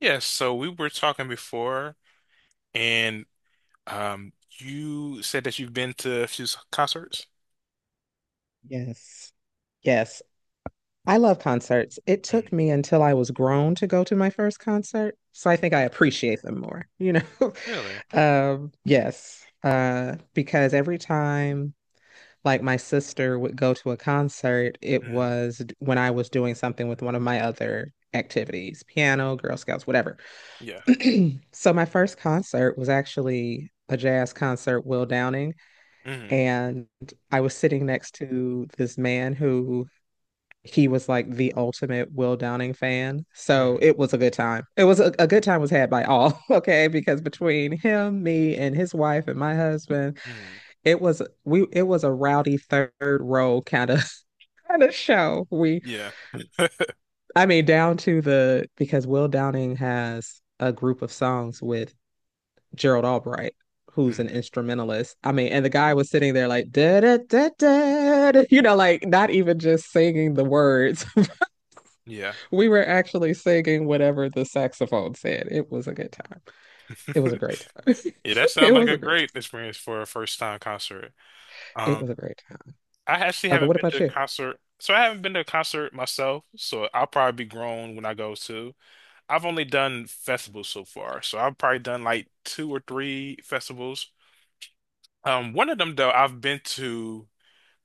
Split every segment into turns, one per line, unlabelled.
Yes, so we were talking before, and um, you said that you've been to a few concerts.
Yes. Yes. I love concerts. It
Mhm.
took me until I was grown to go to my first concert. So I think I appreciate them more, you know?
Really?
Yes. Because every time like my sister would go to a concert, it
Mhm.
was when I was doing something with one of my other activities, piano, Girl Scouts, whatever.
Yeah.
So my first concert was actually a jazz concert, Will Downing,
hmm
and I was sitting next to this man who he was like the ultimate Will Downing fan. So
hmm
it was a good time. It was a good time was had by all, okay? Because between him, me, and his wife and my husband,
hmm
it was we it was a rowdy third row kind of show we
Yeah.
I mean down to the because Will Downing has a group of songs with Gerald Albright who's an
hmm
instrumentalist. I mean, and the guy was sitting there like da da da da, you know, like not even just singing the words.
Yeah.
We were actually singing whatever the saxophone said. It was a good time. It was a great time.
Yeah, that
It
sounds like
was
a
a great
great
time.
experience for a first time concert.
It
Um,
was a great time.
I actually
But
haven't
what
been to
about
a
you?
concert, so I haven't been to a concert myself. So I'll probably be grown when I go to. I've only done festivals so far, so I've probably done like two or three festivals. One of them though, I've been to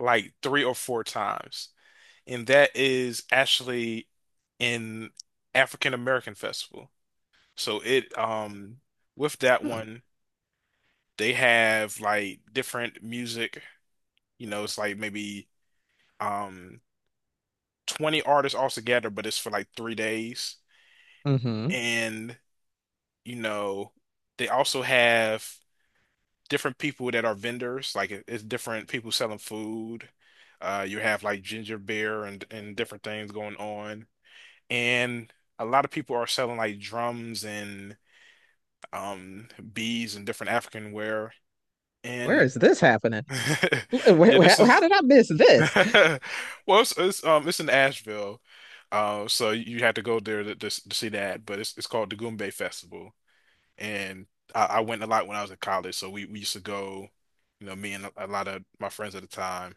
like 3 or 4 times, and that is actually an African American Festival. So it with that
Hmm.
one, they have like different music. You know, it's like maybe um 20 artists all together, but it's for like 3 days.
Mm-hmm.
And you know, they also have different people that are vendors. Like it's different people selling food. You have like ginger beer and different things going on. And a lot of people are selling like drums and um beads and different African wear.
Where
And
is this happening?
yeah, this
How
is
did I miss this?
well, it's in Asheville. So you had to go there to see that, but it's called the Goombay Festival, and I went a lot when I was in college. So we used to go, you know, me and a lot of my friends at the time.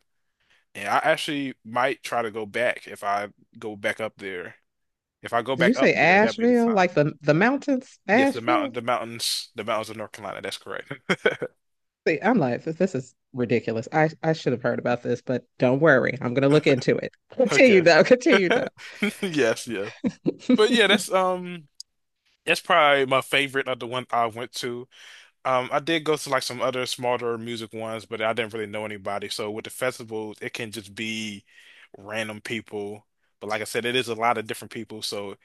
And I actually might try to go back if I go back up there. If I go
Did you
back up
say
there, that'd be the
Asheville?
time.
Like the mountains,
Yes,
Asheville?
the mountains of North Carolina. That's correct.
See, I'm like, this is ridiculous. I should have heard about this, but don't worry, I'm gonna look into it. Continue
Okay.
though. Continue
Yes.
though.
But yeah, that's probably my favorite of the one I went to. I did go to like some other smaller music ones, but I didn't really know anybody. So with the festivals, it can just be random people. But like I said, it is a lot of different people, so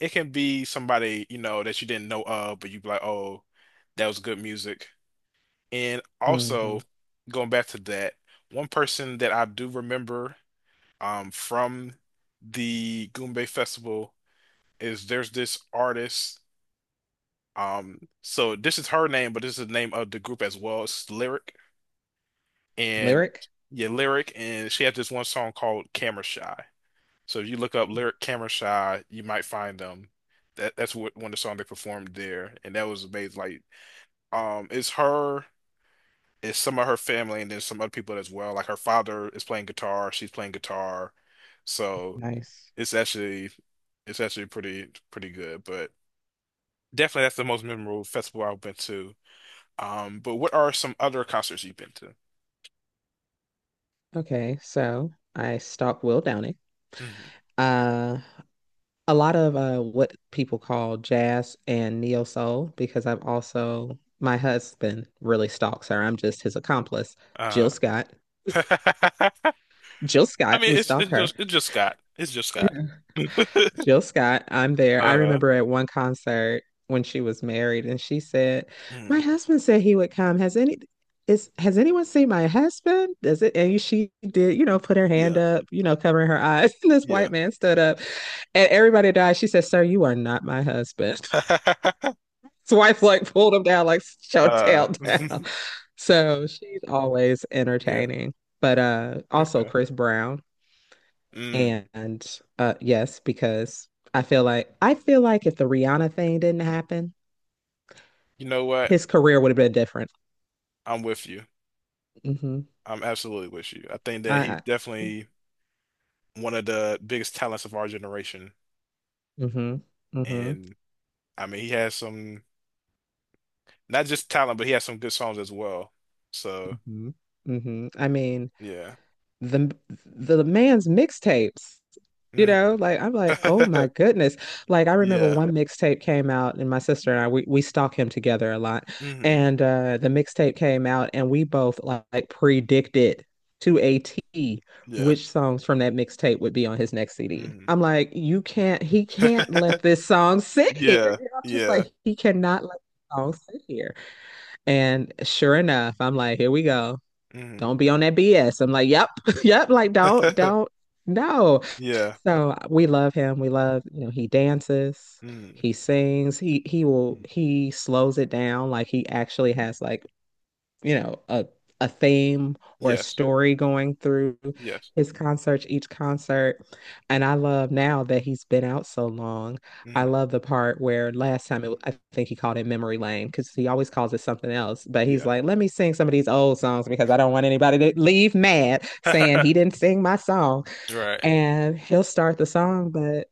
it can be somebody, you know, that you didn't know of, but you'd be like, "Oh, that was good music." And also
Hmm.
going back to that, one person that I do remember from the Goombay Festival is there's this artist. So this is her name, but this is the name of the group as well. It's Lyric and
Lyric,
yeah, Lyric, and she had this one song called Camera Shy. So if you look up Lyric Camera Shy, you might find them. That's what one of the songs they performed there, and that was amazing. Like, it's her. It's some of her family and then some other people as well. Like her father is playing guitar, she's playing guitar. So
nice.
it's actually it's actually pretty good. But definitely that's the most memorable festival I've been to. But what are some other concerts you've been to?
Okay, so I stalked Will Downing.
Hmm
Uh, a lot of what people call jazz and neo soul because I've also my husband really stalks her. I'm just his accomplice. Jill
Uh,
Scott.
I
Jill Scott,
mean
we stalk her.
it's just Scott. It's just Scott.
Jill Scott, I'm there. I
Uh,
remember at one concert when she was married, and she said,
mm,
"My husband said he would come. Has any is has anyone seen my husband? Does it?" And she did, you know, put her hand
yeah,
up, you know, covering her eyes. And this
yeah.
white man stood up, and everybody died. She said, "Sir, you are not my husband." His wife like pulled him down, like show
Uh,
tail down. So she's always
yeah.
entertaining. But also
Okay.
Chris Brown.
Mm,
And yes, because I feel like if the Rihanna thing didn't happen,
you know what?
his career would have been different.
I'm with you.
Hmm.
I'm absolutely with you. I think
I,
that he's
I
definitely one of the biggest talents of our generation.
Hmm. Hmm.
And I mean, he has some, not just talent, but he has some good songs as well. So,
Hmm. Hmm. I mean,
yeah.
the the man's mixtapes. You know,
hmm
like I'm like, oh my goodness. Like I remember
Yeah.
one mixtape came out and my sister and I we stalk him together a lot.
hmm
And the mixtape came out and we both like predicted to a T
Yeah.
which songs from that mixtape would be on his next CD.
hmm
I'm like, you can't he can't let this song sit here.
Yeah.
You know, I'm just
Yeah.
like he cannot let this song sit here. And sure enough, I'm like, here we go.
hmm
Don't be on that BS. I'm like, yep, yep, like don't no.
Yeah.
So we love him. We love, you know, he dances,
hmm
he sings, he slows it down. Like he actually has like, you know, a theme or a
Yes.
story going through
Yes.
his concerts, each concert. And I love now that he's been out so long. I
hmm
love the part where last time it, I think he called it Memory Lane because he always calls it something else. But he's
Yeah.
like, let me sing some of these old songs because I don't want anybody to leave mad saying he didn't sing my song
Right.
and he'll start the song, but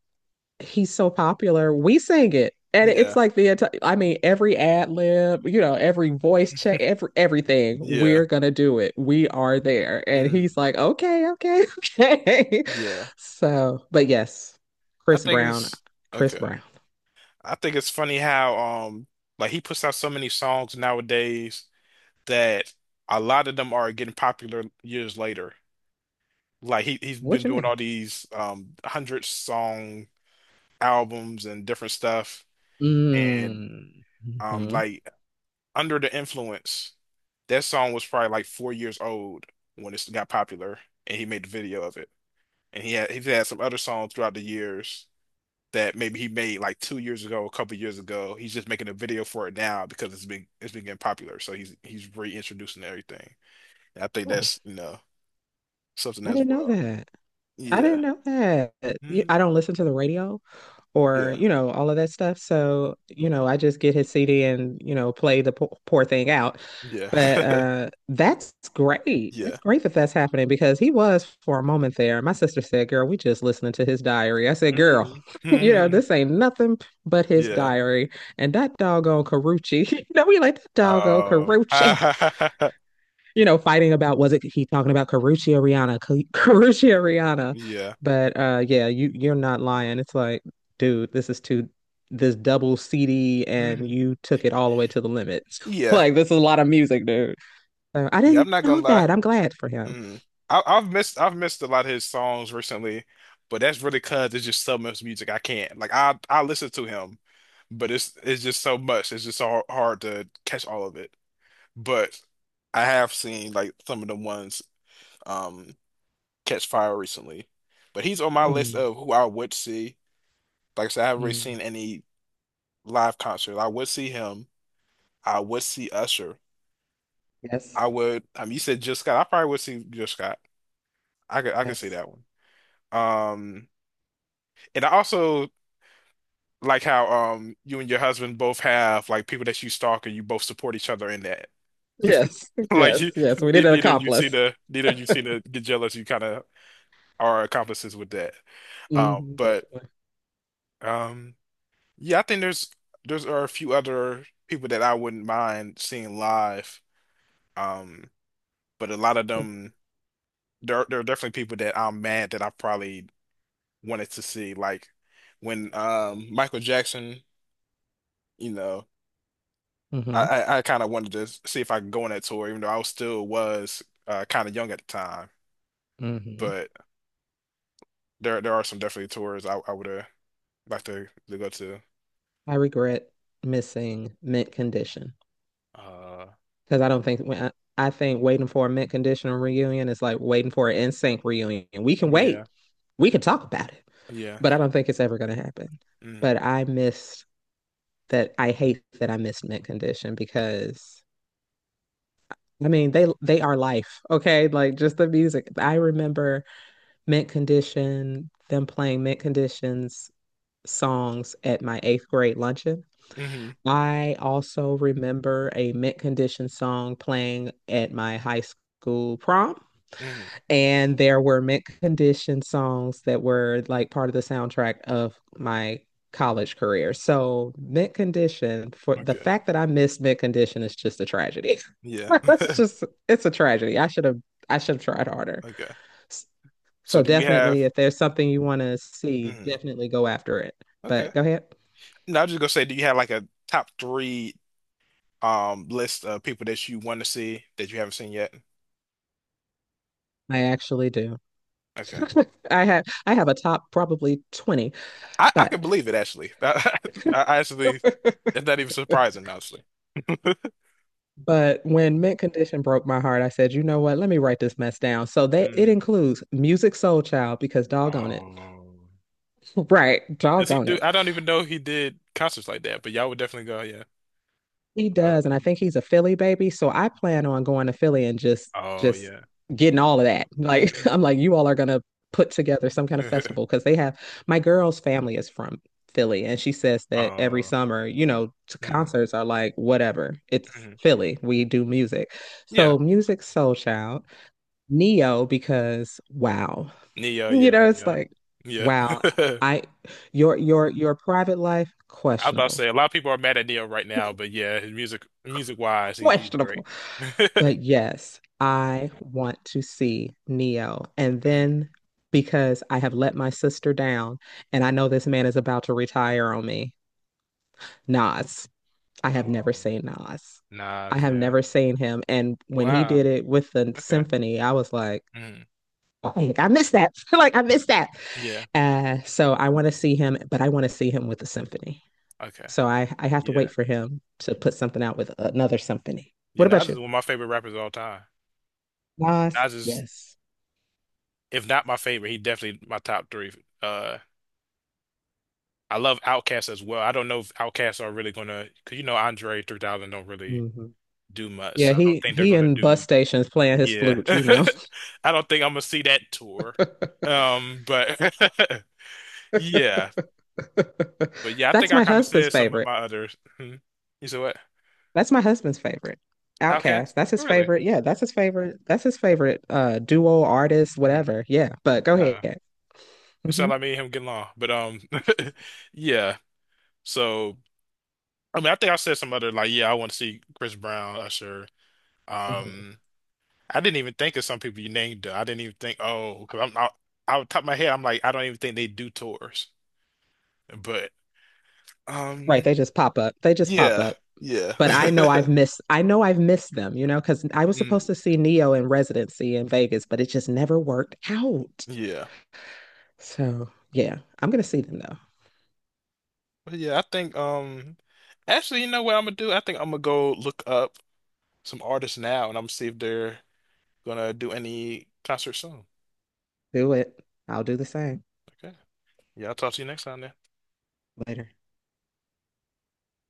he's so popular, we sing it. And it's
Yeah.
like I mean, every ad lib, you know, every voice check, every everything,
Yeah.
we're gonna do it. We are there. And
mm
he's like, okay, okay, okay.
Yeah.
So, but yes,
I
Chris
think
Brown,
it's
Chris
okay.
Brown.
I think it's funny how like he puts out so many songs nowadays that a lot of them are getting popular years later. Like he's been
What you
doing
mean?
all these hundred song albums and different stuff and
Mm-hmm.
like Under the Influence, that song was probably like 4 years old when it got popular and he made the video of it. And he's had some other songs throughout the years that maybe he made like 2 years ago, a couple years ago. He's just making a video for it now because it's been getting popular. So he's reintroducing everything. And I think
Oh,
that's you know something
I
as
didn't know
well.
that. I
Yeah.
didn't know that. You-
hmm
I don't listen to the radio or,
Yeah.
you know, all of that stuff. So, you know, I just get his CD and, you know, play the po poor thing out.
Yeah.
But that's great.
Yeah.
That's great that that's happening because he was for a moment there. My sister said, "Girl, we just listening to his diary." I said, "Girl,
Mhm.
you know,
Mhm.
this ain't nothing but his
Yeah.
diary." And that doggone Carucci. You know, we like that doggone
Oh.
Carucci you know, fighting about was it he talking about Carucci or Rihanna? Or Rihanna?
Yeah.
But yeah, you you're not lying. It's like, dude, this is too this double CD, and
hmm
you took it all the way to the limit.
Yeah.
Like this is a lot of music, dude. So I
Yeah.
didn't
I'm not
know
gonna
that.
lie.
I'm glad for him.
Mm. I've missed a lot of his songs recently, but that's really 'cause it's just so much music I can't like I listen to him, but it's just so much it's just so hard to catch all of it. But I have seen like some of the ones um catch fire recently, but he's on my list
Mm,
of who I would see. Like I said, I haven't really seen
mm.
any live concert. I would see him. I would see Usher. I
Yes,
would. I mean, you said Jill Scott. I probably would see Jill Scott. I could see
yes,
that one. Um. And I also like how you and your husband both have like people that you stalk and you both support each other in that.
yes,
Like
yes,
you,
yes. We need an accomplice.
neither you seem to get jealous. You kind of are accomplices with that.
Hmm,
But
definitely.
um, yeah, I think there's are a few other people that I wouldn't mind seeing live. Um, but a lot of them there are definitely people that I'm mad that I probably wanted to see. Like when Michael Jackson, you know.
Hmm.
I kind of wanted to see if I could go on that tour, even though I was still was kind of young at the time.
Hmm.
But there are some definitely tours I would have liked to go to.
I regret missing mint condition.
Uh,
Because I don't think I think waiting for a mint condition reunion is like waiting for an NSYNC reunion. We can wait.
yeah,
We can talk about it.
yeah.
But I don't think it's ever gonna happen.
Mm,
But I hate that I miss mint condition because I mean they are life, okay? Like just the music. I remember mint condition, them playing mint conditions songs at my eighth grade luncheon.
hmm
I also remember a mint condition song playing at my high school prom.
hmm
And there were mint condition songs that were like part of the soundtrack of my college career. So mint condition for the
Okay.
fact that I missed mint condition is just a tragedy.
Yeah.
That's just it's a tragedy. I should have tried harder.
Okay.
S-
So
So
do you
definitely
have?
if there's something you want to see,
Mm,
definitely go after it.
okay.
But go ahead.
No, I was just gonna say, do you have like a top three list of people that you want to see that you haven't seen yet?
I actually do.
Okay.
I have a top probably 20,
I can
but
believe it actually. I actually, it's not even surprising, honestly.
but when Mint Condition broke my heart, I said, you know what? Let me write this mess down. So that it
Hmm.
includes Music Soul Child because doggone it.
Oh,
Right.
does he
Doggone
do?
it.
I don't even know he did concerts like that, but y'all would definitely go. Yeah.
He
Uh,
does. And I think he's a Philly baby. So I plan on going to Philly and
Oh
just
yeah.
getting all of that. Like
hmm
I'm like, you all are gonna put together some kind of festival because they have my girl's family is from Philly and she says that every
Oh.
summer, you know,
Mm-hmm.
concerts are like whatever. It's Philly. We do music.
Yeah.
So Music Soul Child Neo because wow.
Neo.
You
Yeah.
know, it's
Neo.
like
Yeah.
wow. I your private life
I was about to
questionable.
say a lot of people are mad at Neo right now, but yeah, his music, music wise, he's great.
Questionable. But yes, I want to see Neo. And
Mm.
then because I have let my sister down and I know this man is about to retire on me. Nas. I have never
Oh,
seen Nas. I
Nas.
have
Yeah.
never seen him. And when he did
Wow.
it with the
Okay.
symphony, I was like,
Mm.
oh, I missed that. Like I missed that.
Yeah.
So I want to see him, but I want to see him with a symphony.
Okay.
So I have to
Yeah.
wait for him to put something out with another symphony.
Yeah.
What about
Nas is
you?
one of my favorite rappers of all time.
Nas,
Nas is,
yes.
if not my
Yes.
favorite, he definitely my top three. Uh, I love Outkast as well. I don't know if Outkast are really gonna, cause you know Andre 3000 don't really
Hmm.
do much.
Yeah,
So I don't think they're
he
gonna
in bus
do.
stations playing his
Yeah,
flute, you know.
I don't think I'm gonna see that tour. But yeah, but yeah, I think
That's
I
my
kind of
husband's
said some of
favorite.
my others. Hmm. You said what?
That's my husband's favorite.
Outkast?
Outcast. That's
Oh,
his
really?
favorite. Yeah, that's his favorite. That's his favorite duo artist,
Hmm.
whatever. Yeah, but go
Huh.
ahead.
It
Hmm.
sounded like me and him getting along, but yeah. So I mean, I think I said some other like, yeah, I want to see Chris Brown, Usher.
Hmm.
Um. I didn't even think of some people you named though. I didn't even think, oh, because I'm out the top of my head, I'm like, I don't even think they do tours. But
Right,
um,
they just pop up. They just pop
yeah,
up.
yeah,
But I know I've missed them, you know, because I was
Mm,
supposed to see Neo in residency in Vegas, but it just never worked out.
yeah,
So yeah, I'm gonna see them though.
but yeah. I think actually, you know what I'm gonna do? I think I'm gonna go look up some artists now, and I'm gonna see if they're gonna do any concert soon.
Do it. I'll do the same
Okay. Yeah, I'll talk to you next time then.
later.